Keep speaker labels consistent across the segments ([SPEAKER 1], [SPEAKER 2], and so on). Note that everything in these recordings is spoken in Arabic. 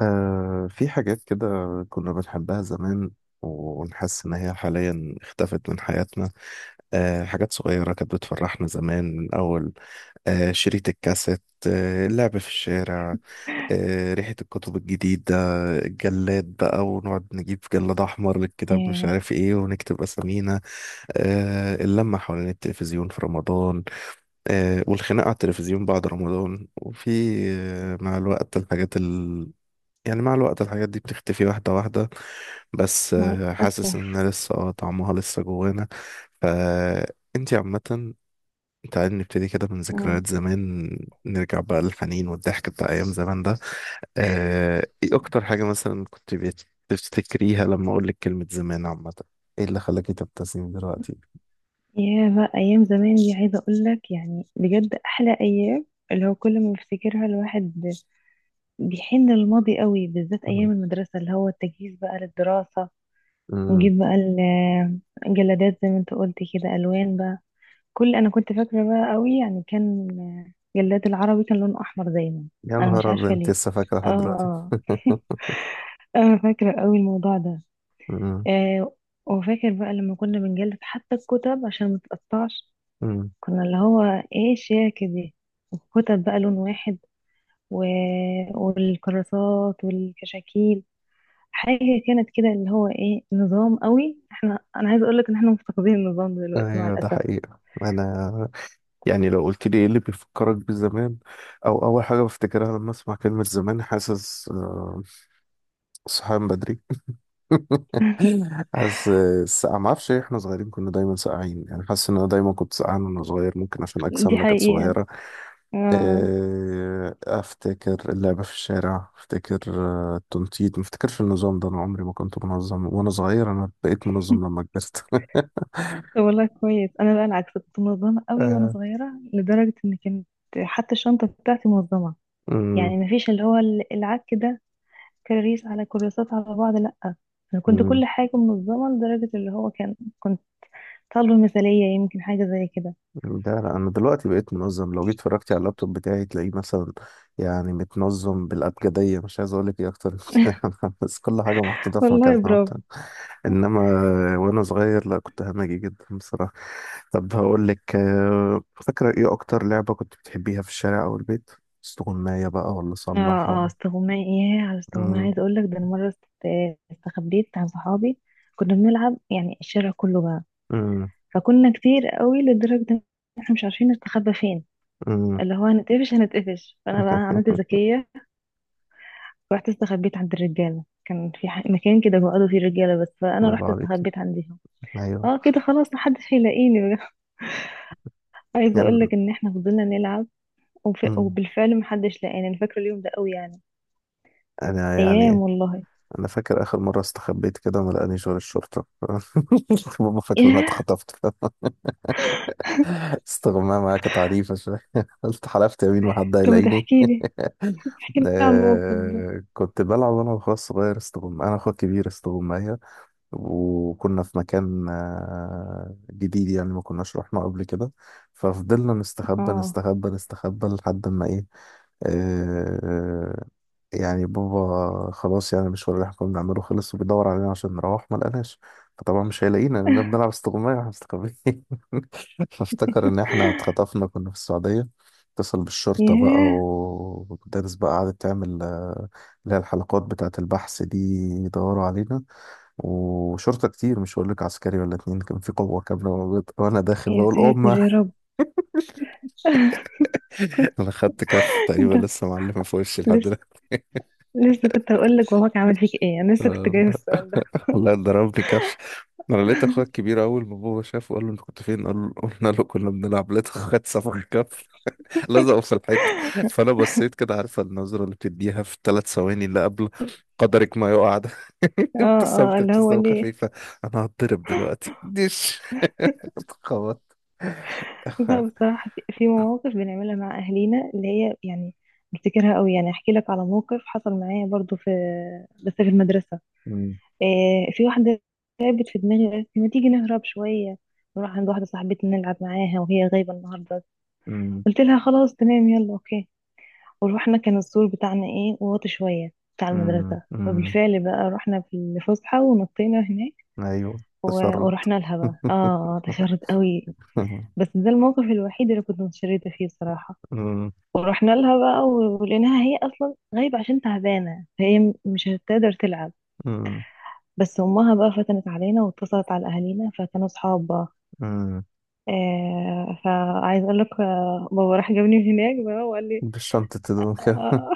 [SPEAKER 1] في حاجات كده كنا بنحبها زمان، ونحس إن هي حاليا اختفت من حياتنا. حاجات صغيرة كانت بتفرحنا زمان، من أول شريط الكاسيت، اللعب في الشارع، ريحة الكتب الجديدة، الجلاد بقى، ونقعد نجيب جلاد أحمر للكتاب مش
[SPEAKER 2] ياه،
[SPEAKER 1] عارف إيه، ونكتب أسامينا، اللمة حوالين التلفزيون في رمضان، والخناقة على التلفزيون بعد رمضان، وفي مع الوقت الحاجات، يعني مع الوقت الحاجات دي بتختفي واحدة واحدة. بس
[SPEAKER 2] مع
[SPEAKER 1] حاسس
[SPEAKER 2] الأسف.
[SPEAKER 1] ان لسه طعمها لسه جوانا. فانتي عامة، تعالي نبتدي كده من
[SPEAKER 2] مم.
[SPEAKER 1] ذكريات زمان، نرجع بقى للحنين والضحك بتاع أيام زمان ده. ايه أكتر حاجة مثلا كنت بتفتكريها لما أقول لك كلمة زمان؟ عامة، ايه اللي خلاكي تبتسمي دلوقتي؟
[SPEAKER 2] ياه بقى أيام زمان دي، عايزة أقولك يعني بجد أحلى أيام، اللي هو كل ما بفتكرها الواحد بيحن للماضي قوي، بالذات
[SPEAKER 1] مم.
[SPEAKER 2] أيام المدرسة، اللي هو التجهيز بقى للدراسة،
[SPEAKER 1] مم.
[SPEAKER 2] ونجيب بقى الجلادات زي ما انت قلت كده، ألوان بقى. كل أنا كنت فاكرة بقى قوي، يعني كان جلاد العربي كان لونه أحمر دايما.
[SPEAKER 1] يا
[SPEAKER 2] أنا مش
[SPEAKER 1] نهار أبيض،
[SPEAKER 2] عارفة
[SPEAKER 1] انت
[SPEAKER 2] ليه.
[SPEAKER 1] لسه فاكرة
[SPEAKER 2] اه،
[SPEAKER 1] لحد دلوقتي؟
[SPEAKER 2] اه. أنا فاكرة قوي الموضوع ده.
[SPEAKER 1] مم.
[SPEAKER 2] آه، وفاكر بقى لما كنا بنجلد حتى الكتب عشان ما تتقطعش،
[SPEAKER 1] مم.
[SPEAKER 2] كنا اللي هو ايه الشياكة دي، وكتب بقى لون واحد و... والكراسات والكشاكيل، حاجة كانت كده، اللي هو ايه نظام قوي احنا، انا عايزة اقولك ان احنا مفتقدين النظام ده دلوقتي مع
[SPEAKER 1] ايوه، ده
[SPEAKER 2] الاسف.
[SPEAKER 1] حقيقة. انا يعني لو قلت لي ايه اللي بيفكرك بزمان او اول حاجه بفتكرها لما اسمع كلمه زمان، حاسس صحيان بدري. حاسس السقعه. ما اعرفش ليه احنا صغيرين كنا دايما ساقعين، يعني حاسس ان انا دايما كنت سقعان وانا صغير، ممكن عشان
[SPEAKER 2] دي
[SPEAKER 1] اجسامنا كانت
[SPEAKER 2] حقيقة.
[SPEAKER 1] صغيره.
[SPEAKER 2] اه.
[SPEAKER 1] افتكر اللعب في الشارع، افتكر التنطيط. ما افتكرش النظام ده، انا عمري ما كنت منظم وانا صغير، انا بقيت منظم لما كبرت.
[SPEAKER 2] طب والله كويس، انا بقى العكس، كنت منظمة قوي وانا
[SPEAKER 1] آه،
[SPEAKER 2] صغيرة، لدرجة ان كانت حتى الشنطة بتاعتي منظمة،
[SPEAKER 1] مم،
[SPEAKER 2] يعني مفيش اللي هو العك ده، كراريس على كراسات على بعض، لأ. أنا كنت
[SPEAKER 1] مم.
[SPEAKER 2] كل حاجة منظمة، لدرجة اللي هو كان كنت طالبة مثالية، يمكن حاجة زي كده.
[SPEAKER 1] ده لا، انا دلوقتي بقيت منظم، لو جيت اتفرجتي على اللابتوب بتاعي تلاقيه مثلا يعني متنظم بالابجديه، مش عايز اقول لك ايه اكتر من كده. بس كل حاجه محطوطه في
[SPEAKER 2] والله
[SPEAKER 1] مكانها
[SPEAKER 2] برافو.
[SPEAKER 1] وبتاع. انما وانا صغير، لا، كنت همجي جدا بصراحه. طب هقول لك فاكره ايه اكتر لعبه كنت بتحبيها في الشارع او البيت؟ استغمايه بقى، ولا
[SPEAKER 2] اه،
[SPEAKER 1] صلاح،
[SPEAKER 2] اه.
[SPEAKER 1] ولا؟
[SPEAKER 2] استغماء. ياه على استغماء،
[SPEAKER 1] مم،
[SPEAKER 2] عايزة أقولك ده أنا مرة استخبيت عن صحابي. كنا بنلعب يعني الشارع كله بقى،
[SPEAKER 1] مم،
[SPEAKER 2] فكنا كتير قوي لدرجة إن احنا مش عارفين نستخبى فين،
[SPEAKER 1] مم.
[SPEAKER 2] اللي هو هنتقفش هنتقفش. فأنا بقى عملت ذكية، رحت استخبيت عند الرجالة. كان في مكان كده بيقعدوا فيه رجالة بس، فأنا
[SPEAKER 1] الله
[SPEAKER 2] رحت
[SPEAKER 1] عليك.
[SPEAKER 2] استخبيت عندهم.
[SPEAKER 1] ايوه،
[SPEAKER 2] اه كده خلاص، محدش هيلاقيني. عايزه
[SPEAKER 1] يعني
[SPEAKER 2] اقول لك ان احنا فضلنا نلعب،
[SPEAKER 1] مم.
[SPEAKER 2] وبالفعل محدش لقانا. انا فاكره اليوم ده قوي يعني،
[SPEAKER 1] انا
[SPEAKER 2] ايام
[SPEAKER 1] يعني
[SPEAKER 2] والله.
[SPEAKER 1] انا فاكر اخر مره استخبيت كده وما لقانيش غير الشرطه. بابا فاكر ان انا
[SPEAKER 2] ياه.
[SPEAKER 1] اتخطفت. استغمام معايا كانت عنيفه شويه. قلت حلفت يمين ما حد
[SPEAKER 2] طب ما
[SPEAKER 1] هيلاقيني.
[SPEAKER 2] تحكي لي، احكي لي عن الموقف ده.
[SPEAKER 1] كنت بلعب انا واخويا الصغير استغم، انا اخويا الكبير استغمايه، وكنا في مكان جديد، يعني ما كناش رحنا قبل كده، ففضلنا نستخبى
[SPEAKER 2] اه.
[SPEAKER 1] نستخبى نستخبى لحد ما ايه. آه، يعني بابا خلاص يعني المشوار اللي احنا كنا بنعمله خلص، وبيدور علينا عشان نروح، ما لقناش. فطبعا مش هيلاقينا لأننا بنلعب استغماية واحنا مستخبيين. فافتكر إن احنا اتخطفنا، كنا في السعودية، اتصل بالشرطة بقى،
[SPEAKER 2] ياه،
[SPEAKER 1] والمدرس بقى قعدت تعمل اللي هي الحلقات بتاعة البحث دي، يدوروا علينا، وشرطة كتير، مش هقول لك عسكري ولا اتنين، كان في قوة كاملة موجودة، وأنا داخل
[SPEAKER 2] يا
[SPEAKER 1] بقول
[SPEAKER 2] ساتر
[SPEAKER 1] أمه.
[SPEAKER 2] يا رب.
[SPEAKER 1] أنا خدت كف تقريبا
[SPEAKER 2] انت
[SPEAKER 1] لسه معلمة في وشي
[SPEAKER 2] لسه،
[SPEAKER 1] لحد
[SPEAKER 2] لسه كنت هقول لك باباك عمل فيك ايه، انا لسه كنت جايه في
[SPEAKER 1] دلوقتي،
[SPEAKER 2] السؤال ده.
[SPEAKER 1] والله ضربني كف. انا لقيت اخويا الكبير اول ما بابا شافه قال له انت كنت فين، قال له قلنا له كنا بنلعب، لقيت اخويا صفخ كف. لزقه في الحيط. فانا بصيت كده، عارفه النظره اللي بتديها في الثلاث ثواني اللي قبل قدرك ما يقع ده.
[SPEAKER 2] اه، اه
[SPEAKER 1] ابتسمت
[SPEAKER 2] اللي هو
[SPEAKER 1] ابتسامه
[SPEAKER 2] ليه.
[SPEAKER 1] خفيفه. انا هتضرب دلوقتي ديش. اتخبط.
[SPEAKER 2] لا بصراحه، في في مواقف بنعملها مع اهالينا اللي هي يعني بفتكرها قوي. يعني احكي لك على موقف حصل معايا برضو في، بس في المدرسه.
[SPEAKER 1] أمم،
[SPEAKER 2] في واحدة تعبت في دماغي، قالت لي ما تيجي نهرب شوية، نروح عند واحدة صاحبتنا نلعب معاها وهي غايبة النهاردة.
[SPEAKER 1] أمم،
[SPEAKER 2] قلت لها خلاص تمام يلا اوكي. وروحنا. كان السور بتاعنا ايه، واطي شوية بتاع
[SPEAKER 1] أمم،
[SPEAKER 2] المدرسة،
[SPEAKER 1] أمم.
[SPEAKER 2] فبالفعل بقى رحنا في الفسحة ونطينا هناك.
[SPEAKER 1] ايوه، تشرد.
[SPEAKER 2] ورحنا لها بقى، اه تشرد قوي، بس ده الموقف الوحيد اللي كنت متشردة فيه صراحة.
[SPEAKER 1] أمم،
[SPEAKER 2] ورحنا لها بقى ولقيناها هي اصلا غايبة عشان تعبانة، فهي مش هتقدر تلعب.
[SPEAKER 1] أمم،
[SPEAKER 2] بس امها بقى فتنت علينا، واتصلت على اهالينا فكانوا صحاب بقى.
[SPEAKER 1] أمم.
[SPEAKER 2] آه، فعايز اقول لك بابا راح جابني من هناك بقى وقال لي
[SPEAKER 1] بشنطة هدوم كده.
[SPEAKER 2] آه.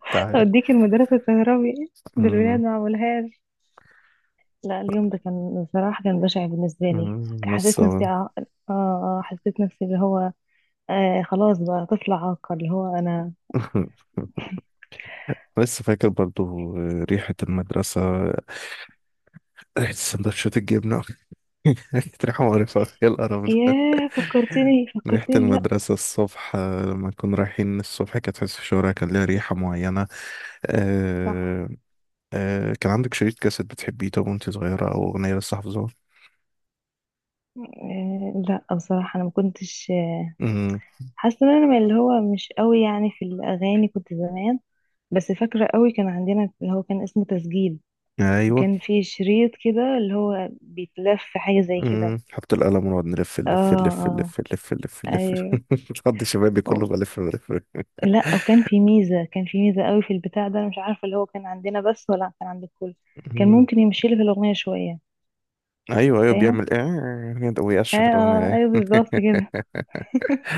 [SPEAKER 2] اوديك المدرسه تهربي بالولاد،
[SPEAKER 1] أمم،
[SPEAKER 2] ما عملهاش. لا اليوم ده كان بصراحه كان بشع بالنسبه لي.
[SPEAKER 1] أمم،
[SPEAKER 2] حسيت
[SPEAKER 1] لسه.
[SPEAKER 2] نفسي حسيت نفسي اللي هو آه خلاص بقى طفل عاقل، اللي هو انا.
[SPEAKER 1] لسه فاكر برضو ريحة المدرسة، ريحة سندوتشات الجبنة، ريحة مقرفة، يا القرف ده.
[SPEAKER 2] ياه، فكرتني
[SPEAKER 1] ريحة
[SPEAKER 2] فكرتني لا،
[SPEAKER 1] المدرسة الصبح، لما كنا رايحين الصبح، كانت تحس الشوارع كان ليها ريحة معينة.
[SPEAKER 2] صح.
[SPEAKER 1] آه كان عندك شريط كاسيت بتحبيه؟ طب وانت صغيرة أو أغنية لسه حافظاها؟
[SPEAKER 2] آه لا بصراحه انا ما كنتش،
[SPEAKER 1] أمم،
[SPEAKER 2] حاسه ان انا من اللي هو مش قوي يعني في الاغاني كنت زمان. بس فاكرة قوي كان عندنا اللي هو كان اسمه تسجيل،
[SPEAKER 1] أيوه.
[SPEAKER 2] وكان فيه شريط كده اللي هو بيتلف حاجة زي كده.
[SPEAKER 1] أمم، حط القلم ونقعد نلف
[SPEAKER 2] اه
[SPEAKER 1] نلف نلف
[SPEAKER 2] اه
[SPEAKER 1] نلف نلف نلف،
[SPEAKER 2] ايوه.
[SPEAKER 1] نقضي شبابي
[SPEAKER 2] و-
[SPEAKER 1] كله بلف بلف.
[SPEAKER 2] لا وكان في ميزة، كان في ميزة قوي في البتاع ده، أنا مش عارفة اللي هو كان عندنا بس ولا كان عند الكل، كان ممكن يمشي لي في الأغنية شوية.
[SPEAKER 1] ايوه ايوه،
[SPEAKER 2] فاهم؟
[SPEAKER 1] بيعمل ايه
[SPEAKER 2] اه
[SPEAKER 1] ويأشف الاغنيه
[SPEAKER 2] اه ايوه
[SPEAKER 1] ايه.
[SPEAKER 2] بالظبط كده.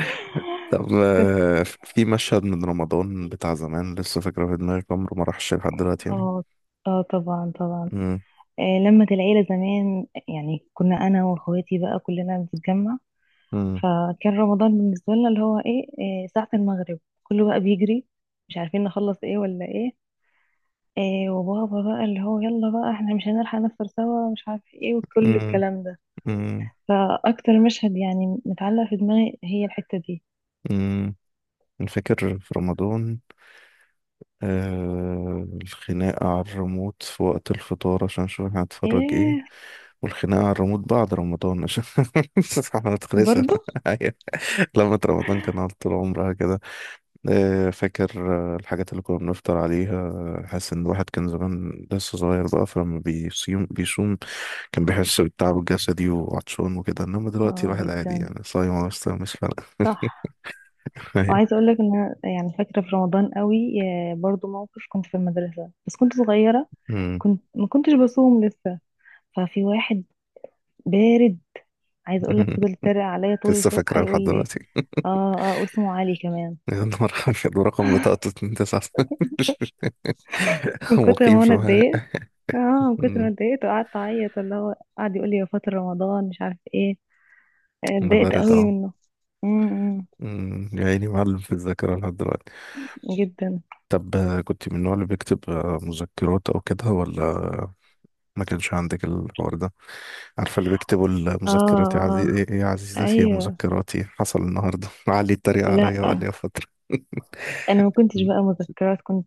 [SPEAKER 1] طب
[SPEAKER 2] كنت،
[SPEAKER 1] في مشهد من رمضان بتاع زمان لسه فاكره في دماغي عمره ما راحش لحد دلوقتي يعني؟
[SPEAKER 2] اه اه طبعا طبعا.
[SPEAKER 1] امم.
[SPEAKER 2] آه لمة العيلة زمان، يعني كنا أنا وأخواتي بقى كلنا بنتجمع.
[SPEAKER 1] امم.
[SPEAKER 2] فكان رمضان بالنسبة لنا اللي هو ايه، إيه ساعة المغرب، كله بقى بيجري، مش عارفين نخلص ايه ولا ايه، إيه وبابا بقى اللي هو يلا بقى احنا مش هنلحق نفطر سوا مش عارف ايه وكل
[SPEAKER 1] امم.
[SPEAKER 2] الكلام ده.
[SPEAKER 1] امم.
[SPEAKER 2] فأكتر مشهد يعني متعلق في دماغي هي الحتة دي.
[SPEAKER 1] امم. فاكر في رمضان الخناقة على الريموت في وقت الفطار عشان نشوف احنا هنتفرج ايه،
[SPEAKER 2] ايه،
[SPEAKER 1] والخناقة على الريموت بعد رمضان عشان ما تخلصش.
[SPEAKER 2] برضو.
[SPEAKER 1] أيوة. لما رمضان كان على طول عمرها كده. فاكر الحاجات اللي كنا بنفطر عليها. حاسس ان الواحد كان زمان لسه صغير بقى، فلما بيصوم بيصوم كان بيحس بالتعب الجسدي وعطشان وكده، انما دلوقتي
[SPEAKER 2] اه
[SPEAKER 1] الواحد عادي،
[SPEAKER 2] جدا،
[SPEAKER 1] يعني صايم ولا مش صايم مش فارقة.
[SPEAKER 2] صح.
[SPEAKER 1] أيوة.
[SPEAKER 2] وعايزة اقول لك ان أنا يعني فاكرة في رمضان قوي، آه، برضو موقف كنت في المدرسة بس كنت صغيرة،
[SPEAKER 1] أمم.
[SPEAKER 2] كنت ما كنتش بصوم لسه. ففي واحد بارد، عايزه اقول لك فضل يتريق عليا طول
[SPEAKER 1] لسه
[SPEAKER 2] الفسحه
[SPEAKER 1] فاكرة
[SPEAKER 2] يقول
[SPEAKER 1] لحد
[SPEAKER 2] لي،
[SPEAKER 1] دلوقتي.
[SPEAKER 2] اه اه، واسمه علي كمان.
[SPEAKER 1] يا نهار أبيض، ورقم بطاقته 29.
[SPEAKER 2] من كتر
[SPEAKER 1] مقيم
[SPEAKER 2] ما
[SPEAKER 1] في
[SPEAKER 2] انا
[SPEAKER 1] معايا.
[SPEAKER 2] اتضايقت، اه، من كتر ما
[SPEAKER 1] أمم.
[SPEAKER 2] اتضايقت وقعدت اعيط، اللي هو قعد يقول لي يا فاطر رمضان مش عارف ايه. آه،
[SPEAKER 1] أنا
[SPEAKER 2] اتضايقت
[SPEAKER 1] بارد
[SPEAKER 2] قوي
[SPEAKER 1] أهو.
[SPEAKER 2] منه. امم.
[SPEAKER 1] أمم. يا عيني، معلم في الذاكرة لحد دلوقتي.
[SPEAKER 2] جدا.
[SPEAKER 1] طب كنت من النوع اللي بيكتب مذكرات، أو كده، ولا ما كانش عندك الحوار ده؟ عارفة اللي بيكتبوا
[SPEAKER 2] اه
[SPEAKER 1] مذكراتي
[SPEAKER 2] اه
[SPEAKER 1] إيه، إيه، يا عزيزتي يا
[SPEAKER 2] ايوه.
[SPEAKER 1] مذكراتي، حصل النهاردة علي اتريق
[SPEAKER 2] لا
[SPEAKER 1] عليا، وقال لي يا فترة.
[SPEAKER 2] انا ما كنتش بقى مذكرات، كنت،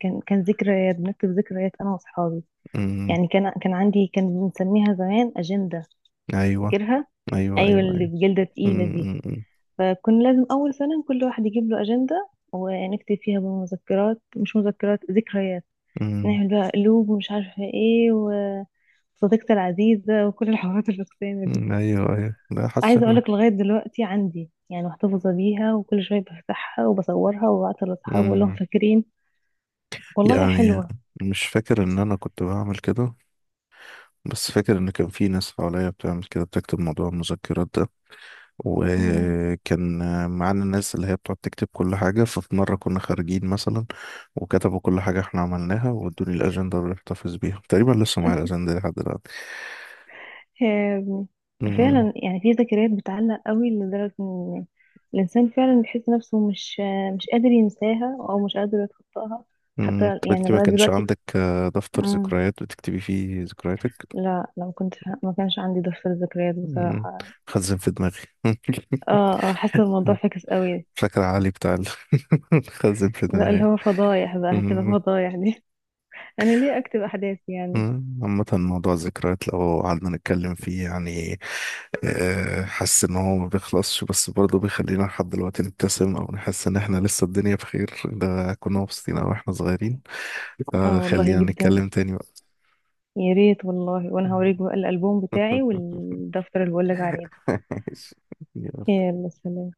[SPEAKER 2] كان ذكريات، بنكتب ذكريات انا واصحابي.
[SPEAKER 1] أمم،
[SPEAKER 2] يعني كان عندي، كان بنسميها زمان اجنده.
[SPEAKER 1] أيوة
[SPEAKER 2] فاكرها.
[SPEAKER 1] أيوة
[SPEAKER 2] ايوه
[SPEAKER 1] أيوة
[SPEAKER 2] اللي
[SPEAKER 1] أيوة.
[SPEAKER 2] بجلده تقيله
[SPEAKER 1] أمم،
[SPEAKER 2] دي.
[SPEAKER 1] أمم،
[SPEAKER 2] فكنا لازم أول سنة كل واحد يجيب له أجندة، ونكتب فيها بقى مذكرات، مش مذكرات، ذكريات.
[SPEAKER 1] أمم،
[SPEAKER 2] نعمل بقى قلوب ومش عارفة ايه، وصديقتي العزيزة، وكل الحوارات الفكسانة دي.
[SPEAKER 1] أمم، أيوة أيوة. لا حاسس
[SPEAKER 2] عايزة
[SPEAKER 1] إنك
[SPEAKER 2] أقولك لغاية دلوقتي عندي، يعني محتفظة بيها، وكل شوية بفتحها وبصورها وببعتها لأصحابي وأقول لهم
[SPEAKER 1] أمم،
[SPEAKER 2] فاكرين. والله
[SPEAKER 1] يعني
[SPEAKER 2] حلوة.
[SPEAKER 1] مش فاكر إن أنا كنت بعمل كده، بس فاكر إن كان في ناس حواليا بتعمل كده بتكتب موضوع المذكرات ده. وكان معانا الناس اللي هي بتقعد تكتب كل حاجة، ففي مرة كنا خارجين مثلا، وكتبوا كل حاجة احنا عملناها، وادوني الأجندة اللي احتفظ بيها، تقريبا لسه معايا الأجندة دي لحد دلوقتي.
[SPEAKER 2] آم.
[SPEAKER 1] أمم،
[SPEAKER 2] فعلا يعني في ذكريات بتعلق قوي، لدرجة ان الانسان فعلا بيحس نفسه مش قادر ينساها، او مش قادر يتخطاها. حتى
[SPEAKER 1] أمم، طب
[SPEAKER 2] يعني
[SPEAKER 1] انت ما
[SPEAKER 2] لغاية
[SPEAKER 1] كانش
[SPEAKER 2] دلوقتي.
[SPEAKER 1] عندك دفتر
[SPEAKER 2] مم.
[SPEAKER 1] ذكريات بتكتبي فيه ذكرياتك؟
[SPEAKER 2] لا. لا، ما كانش عندي دفتر ذكريات
[SPEAKER 1] أمم،
[SPEAKER 2] بصراحة.
[SPEAKER 1] خزن في دماغي.
[SPEAKER 2] اه اه حاسة الموضوع فاكس قوي.
[SPEAKER 1] فاكر علي بتاع خزن في
[SPEAKER 2] لا اللي
[SPEAKER 1] دماغي.
[SPEAKER 2] هو فضايح بقى، هتبقى
[SPEAKER 1] أمم،
[SPEAKER 2] فضايح دي. انا ليه اكتب احداث يعني.
[SPEAKER 1] أمم، عامة موضوع الذكريات لو قعدنا نتكلم فيه، يعني حاسس ان هو ما بيخلصش، بس برضه بيخلينا لحد دلوقتي نبتسم او نحس ان احنا لسه الدنيا بخير، ده كنا مبسوطين او احنا صغيرين.
[SPEAKER 2] اه والله
[SPEAKER 1] فخلينا
[SPEAKER 2] جدا.
[SPEAKER 1] نتكلم تاني بقى.
[SPEAKER 2] يا ريت والله، وانا هوريك بقى الالبوم بتاعي والدفتر اللي بقولك عليه ده.
[SPEAKER 1] ماشي. يلا.
[SPEAKER 2] يلا سلام.